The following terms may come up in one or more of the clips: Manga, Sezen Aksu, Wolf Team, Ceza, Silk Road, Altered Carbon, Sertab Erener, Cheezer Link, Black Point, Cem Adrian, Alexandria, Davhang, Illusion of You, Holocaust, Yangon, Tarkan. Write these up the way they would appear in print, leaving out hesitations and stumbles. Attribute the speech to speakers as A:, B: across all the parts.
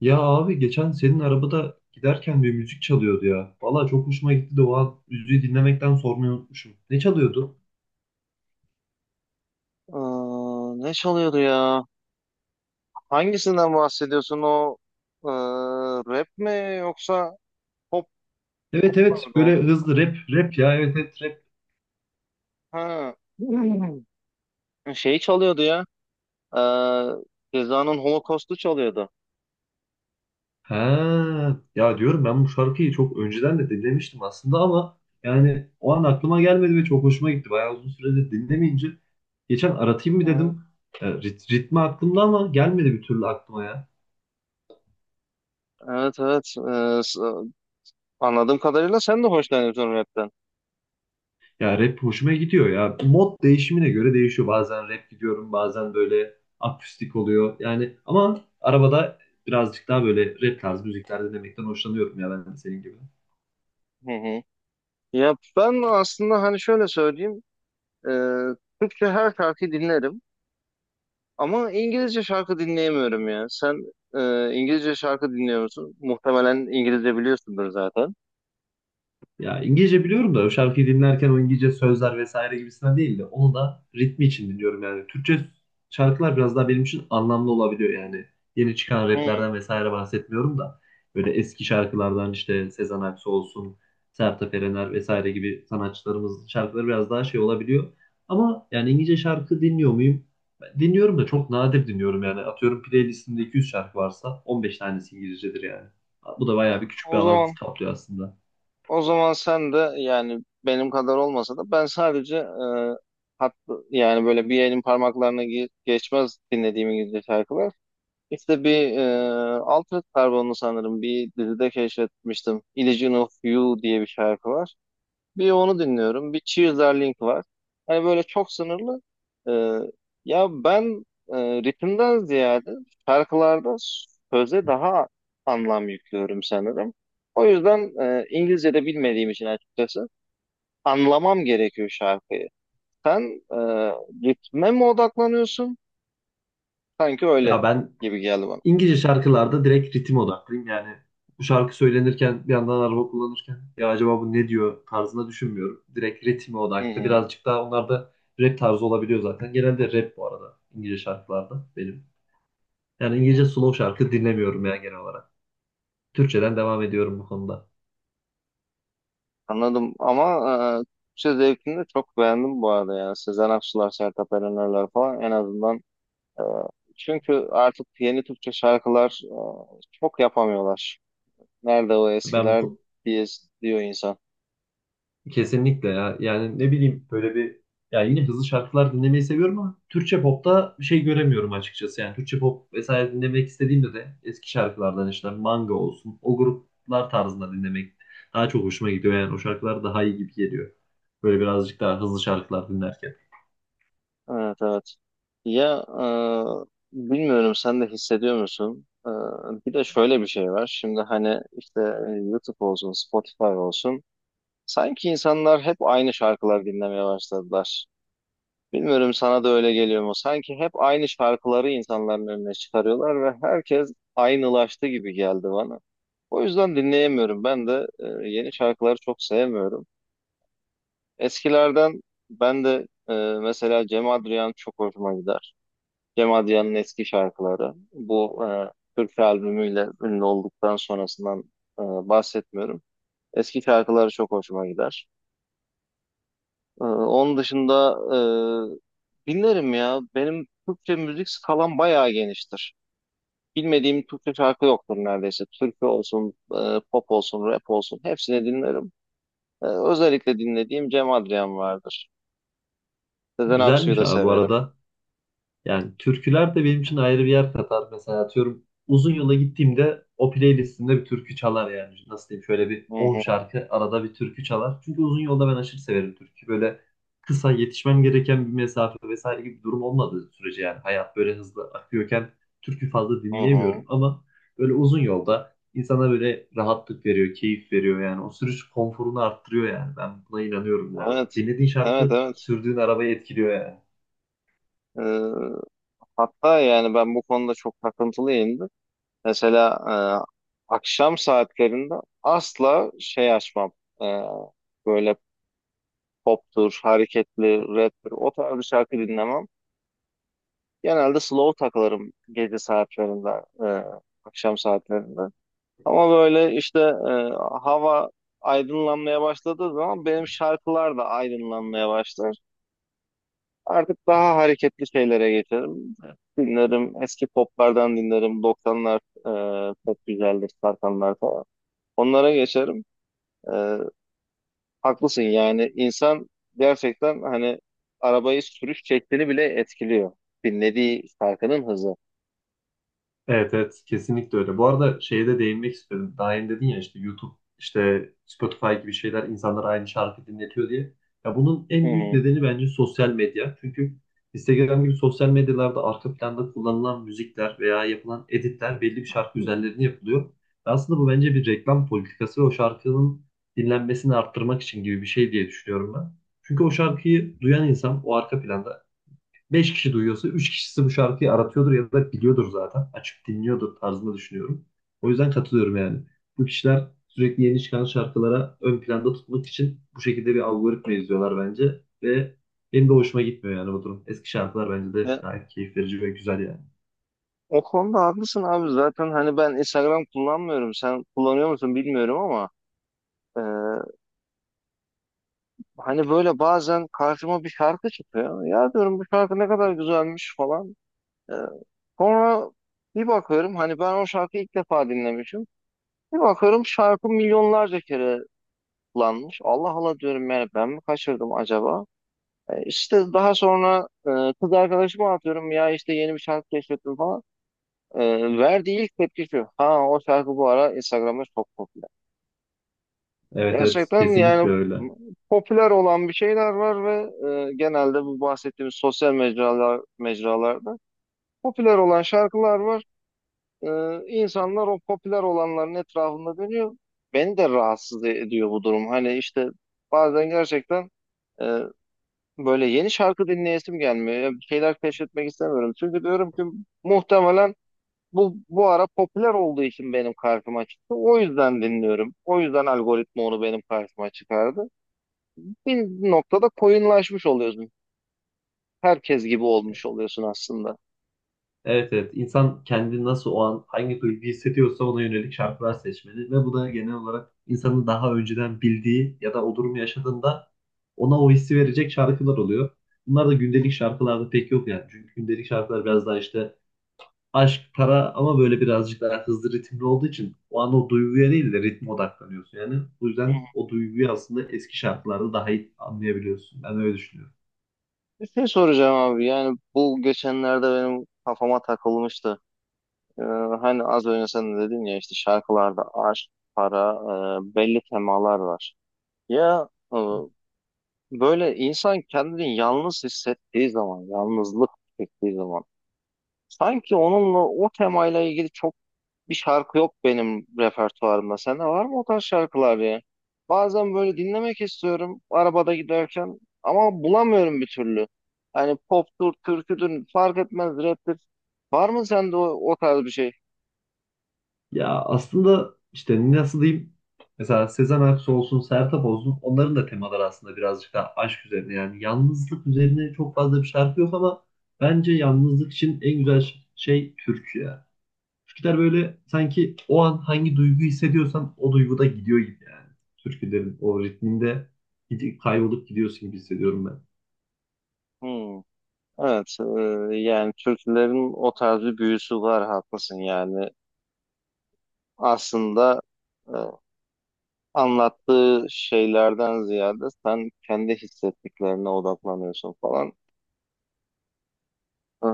A: Ya abi geçen senin arabada giderken bir müzik çalıyordu ya. Valla çok hoşuma gitti de o an müziği dinlemekten sormayı unutmuşum. Ne çalıyordu?
B: Aa, ne çalıyordu ya? Hangisinden bahsediyorsun o e, rap mi yoksa pop? Pop
A: Evet evet
B: pardon.
A: böyle hızlı rap rap ya evet evet rap.
B: Ha. Hmm. Şey çalıyordu ya. E, Ceza'nın Holocaust'u çalıyordu.
A: Ha, ya diyorum ben bu şarkıyı çok önceden de dinlemiştim aslında ama yani o an aklıma gelmedi ve çok hoşuma gitti. Bayağı uzun süredir dinlemeyince geçen aratayım mı
B: Ha.
A: dedim. Ritmi aklımda ama gelmedi bir türlü aklıma ya.
B: Evet, evet. Anladığım kadarıyla sen de hoşlanıyorsun rapten.
A: Ya rap hoşuma gidiyor ya. Mod değişimine göre değişiyor. Bazen rap gidiyorum, bazen böyle akustik oluyor. Yani ama arabada birazcık daha böyle rap tarzı müzikler dinlemekten hoşlanıyorum ya ben de senin gibi.
B: Hı hı. Ya ben aslında hani şöyle söyleyeyim. E, Türkçe her şarkı dinlerim. Ama İngilizce şarkı dinleyemiyorum ya. Sen İngilizce şarkı dinliyor musun? Muhtemelen İngilizce biliyorsundur zaten.
A: Ya İngilizce biliyorum da o şarkıyı dinlerken o İngilizce sözler vesaire gibisinden değil de onu da ritmi için dinliyorum yani. Türkçe şarkılar biraz daha benim için anlamlı olabiliyor yani. Yeni çıkan
B: Hmm.
A: raplerden vesaire bahsetmiyorum da böyle eski şarkılardan işte Sezen Aksu olsun, Sertab Erener vesaire gibi sanatçılarımızın şarkıları biraz daha şey olabiliyor. Ama yani İngilizce şarkı dinliyor muyum? Ben dinliyorum da çok nadir dinliyorum yani. Atıyorum playlistimde 200 şarkı varsa 15 tanesi İngilizcedir yani. Bu da bayağı bir küçük bir
B: O
A: alan
B: zaman
A: kaplıyor aslında.
B: o zaman sen de yani benim kadar olmasa da, ben sadece hat, yani böyle bir elin parmaklarına geçmez dinlediğim İngilizce şarkılar. İşte bir Altered Carbon'u sanırım bir dizide keşfetmiştim. Illusion of You diye bir şarkı var. Bir onu dinliyorum. Bir Cheezer Link var. Hani böyle çok sınırlı. Ee, ya ben e, ritimden ziyade şarkılarda söze daha anlam yüklüyorum sanırım. O yüzden İngilizce de bilmediğim için açıkçası anlamam gerekiyor şarkıyı. Sen e, ritme mi odaklanıyorsun? Sanki öyle
A: Ya ben
B: gibi geldi bana.
A: İngilizce şarkılarda direkt ritim odaklıyım. Yani bu şarkı söylenirken bir yandan araba kullanırken ya acaba bu ne diyor tarzında düşünmüyorum. Direkt ritme
B: Hı
A: odaklı.
B: hı,
A: Birazcık daha onlar da rap tarzı olabiliyor zaten. Genelde rap bu arada İngilizce şarkılarda benim. Yani
B: hı
A: İngilizce
B: hı.
A: slow şarkı dinlemiyorum ya genel olarak. Türkçeden devam ediyorum bu konuda.
B: Anladım ama Türkçe zevkini de çok beğendim bu arada ya. Sezen Aksular, Sertab Erener'ler falan en azından. Ee, Çünkü artık yeni Türkçe şarkılar çok yapamıyorlar. Nerede o
A: Ben
B: eskiler
A: bu
B: diye diyor insan.
A: Kesinlikle ya. Yani ne bileyim böyle bir ya yine hızlı şarkılar dinlemeyi seviyorum ama Türkçe popta bir şey göremiyorum açıkçası. Yani Türkçe pop vesaire dinlemek istediğimde de eski şarkılardan işte Manga olsun o gruplar tarzında dinlemek daha çok hoşuma gidiyor. Yani o şarkılar daha iyi gibi geliyor. Böyle birazcık daha hızlı şarkılar dinlerken.
B: Evet, evet. Ya bilmiyorum, sen de hissediyor musun? Bir de şöyle bir şey var. Şimdi hani işte YouTube olsun, Spotify olsun. Sanki insanlar hep aynı şarkılar dinlemeye başladılar. Bilmiyorum, sana da öyle geliyor mu? Sanki hep aynı şarkıları insanların önüne çıkarıyorlar ve herkes aynılaştı gibi geldi bana. O yüzden dinleyemiyorum. Ben de yeni şarkıları çok sevmiyorum. Eskilerden ben de mesela Cem Adrian çok hoşuma gider. Cem Adrian'ın eski şarkıları. Bu Türkçe albümüyle ünlü olduktan sonrasından bahsetmiyorum. Eski şarkıları çok hoşuma gider. Onun dışında dinlerim ya. Benim Türkçe müzik skalam bayağı geniştir. Bilmediğim Türkçe şarkı yoktur neredeyse. Türkçe olsun, pop olsun, rap olsun hepsini dinlerim. Özellikle dinlediğim Cem Adrian vardır. Sezen Aksu'yu
A: Güzelmiş
B: da
A: abi bu
B: severim.
A: arada. Yani türküler de benim için ayrı bir yer katar. Mesela atıyorum uzun yola gittiğimde o playlistimde bir türkü çalar yani. Nasıl diyeyim şöyle bir
B: Hı
A: 10
B: hı,
A: şarkı arada bir türkü çalar. Çünkü uzun yolda ben aşırı severim türkü. Böyle kısa yetişmem gereken bir mesafe vesaire gibi bir durum olmadığı sürece yani hayat böyle hızlı akıyorken türkü fazla
B: hı hı.
A: dinleyemiyorum ama böyle uzun yolda insana böyle rahatlık veriyor, keyif veriyor yani. O sürüş konforunu arttırıyor yani. Ben buna inanıyorum bu arada.
B: Evet,
A: Dinlediğin
B: evet,
A: şarkı
B: evet.
A: sürdüğün arabayı etkiliyor yani.
B: Ee, hatta yani ben bu konuda çok takıntılıyımdır. Mesela akşam saatlerinde asla şey açmam. Ee, böyle poptur, hareketli, raptir, o tarz bir şarkı dinlemem. Genelde slow takılırım gece saatlerinde, e, akşam saatlerinde. Ama böyle işte hava aydınlanmaya başladığı zaman benim şarkılar da aydınlanmaya başlar. Artık daha hareketli şeylere geçerim. Dinlerim, eski poplardan dinlerim. Doksanlar çok güzeldir, Tarkanlar falan. Onlara geçerim. E, haklısın yani, insan gerçekten hani arabayı sürüş şeklini bile etkiliyor. Dinlediği şarkının hızı.
A: Evet evet kesinlikle öyle. Bu arada şeye de değinmek istedim. Daha önce dedin ya işte YouTube, işte Spotify gibi şeyler insanlar aynı şarkı dinletiyor diye. Ya bunun
B: Hı
A: en büyük
B: hı.
A: nedeni bence sosyal medya. Çünkü Instagram gibi sosyal medyalarda arka planda kullanılan müzikler veya yapılan editler belli bir şarkı üzerlerine yapılıyor. Ve aslında bu bence bir reklam politikası ve o şarkının dinlenmesini arttırmak için gibi bir şey diye düşünüyorum ben. Çünkü o şarkıyı duyan insan o arka planda beş kişi duyuyorsa 3 kişisi bu şarkıyı aratıyordur ya da biliyordur zaten. Açıp dinliyordur tarzında düşünüyorum. O yüzden katılıyorum yani. Bu kişiler sürekli yeni çıkan şarkılara ön planda tutmak için bu şekilde bir algoritma izliyorlar bence. Ve benim de hoşuma gitmiyor yani bu durum. Eski şarkılar bence de
B: Ya,
A: gayet keyif verici ve güzel yani.
B: o konuda haklısın abi. Zaten hani ben Instagram kullanmıyorum. Sen kullanıyor musun bilmiyorum ama. Ee, hani böyle bazen karşıma bir şarkı çıkıyor. Ya diyorum, bu şarkı ne kadar güzelmiş falan. Ee, sonra bir bakıyorum hani ben o şarkıyı ilk defa dinlemişim. Bir bakıyorum şarkı milyonlarca kere kullanmış. Allah Allah diyorum, yani ben mi kaçırdım acaba? İşte daha sonra kız arkadaşıma atıyorum ya işte, yeni bir şarkı keşfettim falan. Verdiği ilk tepki şu: ha, o şarkı bu ara Instagram'da çok popüler.
A: Evet evet
B: Gerçekten
A: kesinlikle
B: yani
A: öyle.
B: popüler olan bir şeyler var ve genelde bu bahsettiğimiz sosyal mecralarda popüler olan şarkılar var. E, insanlar o popüler olanların etrafında dönüyor. Beni de rahatsız ediyor bu durum. Hani işte bazen gerçekten e, böyle yeni şarkı dinleyesim gelmiyor. Ya bir şeyler keşfetmek istemiyorum. Çünkü diyorum ki muhtemelen bu ara popüler olduğu için benim karşıma çıktı. O yüzden dinliyorum. O yüzden algoritma onu benim karşıma çıkardı. Bir noktada koyunlaşmış oluyorsun. Herkes gibi olmuş oluyorsun aslında.
A: Evet evet. İnsan kendini nasıl o an hangi duygu hissediyorsa ona yönelik şarkılar seçmeli ve bu da genel olarak insanın daha önceden bildiği ya da o durumu yaşadığında ona o hissi verecek şarkılar oluyor. Bunlar da gündelik şarkılarda pek yok yani. Çünkü gündelik şarkılar biraz daha işte aşk, para ama böyle birazcık daha hızlı ritimli olduğu için o an o duyguya değil de ritme odaklanıyorsun yani. Bu
B: Hı.
A: yüzden o duyguyu aslında eski şarkılarda daha iyi anlayabiliyorsun. Ben öyle düşünüyorum.
B: Bir şey soracağım abi, yani bu geçenlerde benim kafama takılmıştı. Ee, hani az önce sen de dedin ya işte şarkılarda aşk, para, belli temalar var. Ya böyle insan kendini yalnız hissettiği zaman, yalnızlık çektiği zaman sanki onunla o temayla ilgili çok bir şarkı yok benim repertuarımda. Sende var mı o tarz şarkılar ya? Bazen böyle dinlemek istiyorum arabada giderken ama bulamıyorum bir türlü. Hani poptur, türküdür fark etmez, raptir. Var mı sende o, o tarz bir şey?
A: Ya aslında işte nasıl diyeyim mesela Sezen Aksu olsun, Sertab olsun onların da temaları aslında birazcık daha aşk üzerine yani yalnızlık üzerine çok fazla bir şarkı yok ama bence yalnızlık için en güzel şey türkü ya. Türküler böyle sanki o an hangi duygu hissediyorsan o duyguda gidiyor gibi yani. Türkülerin o ritminde gidip kaybolup gidiyorsun gibi hissediyorum ben.
B: Hmm. Evet, yani türkülerin o tarz bir büyüsü var, haklısın yani. Aslında e, anlattığı şeylerden ziyade sen kendi hissettiklerine odaklanıyorsun falan. E,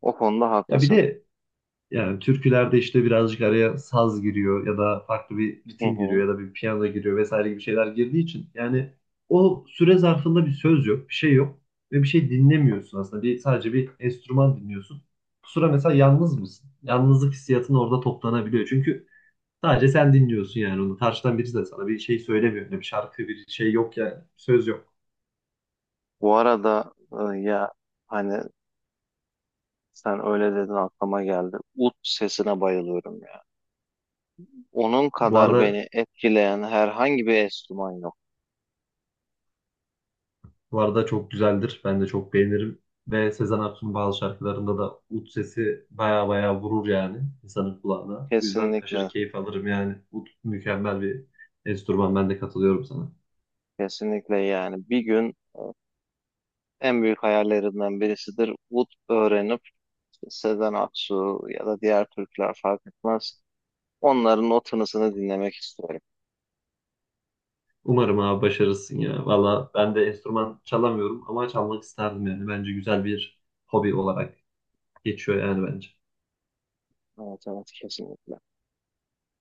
B: o konuda
A: Ya bir
B: haklısın.
A: de Yani türkülerde işte birazcık araya saz giriyor ya da farklı bir
B: Hı
A: ritim
B: hı.
A: giriyor ya da bir piyano giriyor vesaire gibi şeyler girdiği için yani o süre zarfında bir söz yok, bir şey yok ve bir şey dinlemiyorsun aslında. Bir, sadece bir enstrüman dinliyorsun. Bu sıra mesela yalnız mısın? Yalnızlık hissiyatın orada toplanabiliyor. Çünkü sadece sen dinliyorsun yani onu. Karşıdan birisi de sana bir şey söylemiyor. Ne bir şarkı, bir şey yok yani. Söz yok.
B: Bu arada e, ya hani sen öyle dedin aklıma geldi. Ut sesine bayılıyorum ya. Onun
A: Bu
B: kadar
A: arada
B: beni etkileyen herhangi bir enstrüman yok.
A: Bu arada çok güzeldir. Ben de çok beğenirim. Ve Sezen Aksu'nun bazı şarkılarında da ut sesi baya baya vurur yani insanın kulağına. Bu yüzden aşırı
B: Kesinlikle,
A: keyif alırım yani. Ut mükemmel bir enstrüman. Ben de katılıyorum sana.
B: kesinlikle yani, bir gün en büyük hayallerimden birisidir. Ut öğrenip Sezen Aksu ya da diğer Türkler fark etmez, onların o tınısını dinlemek istiyorum.
A: Umarım abi başarırsın ya. Valla ben de enstrüman çalamıyorum ama çalmak isterdim yani. Bence güzel bir hobi olarak geçiyor yani bence.
B: Evet, evet, kesinlikle.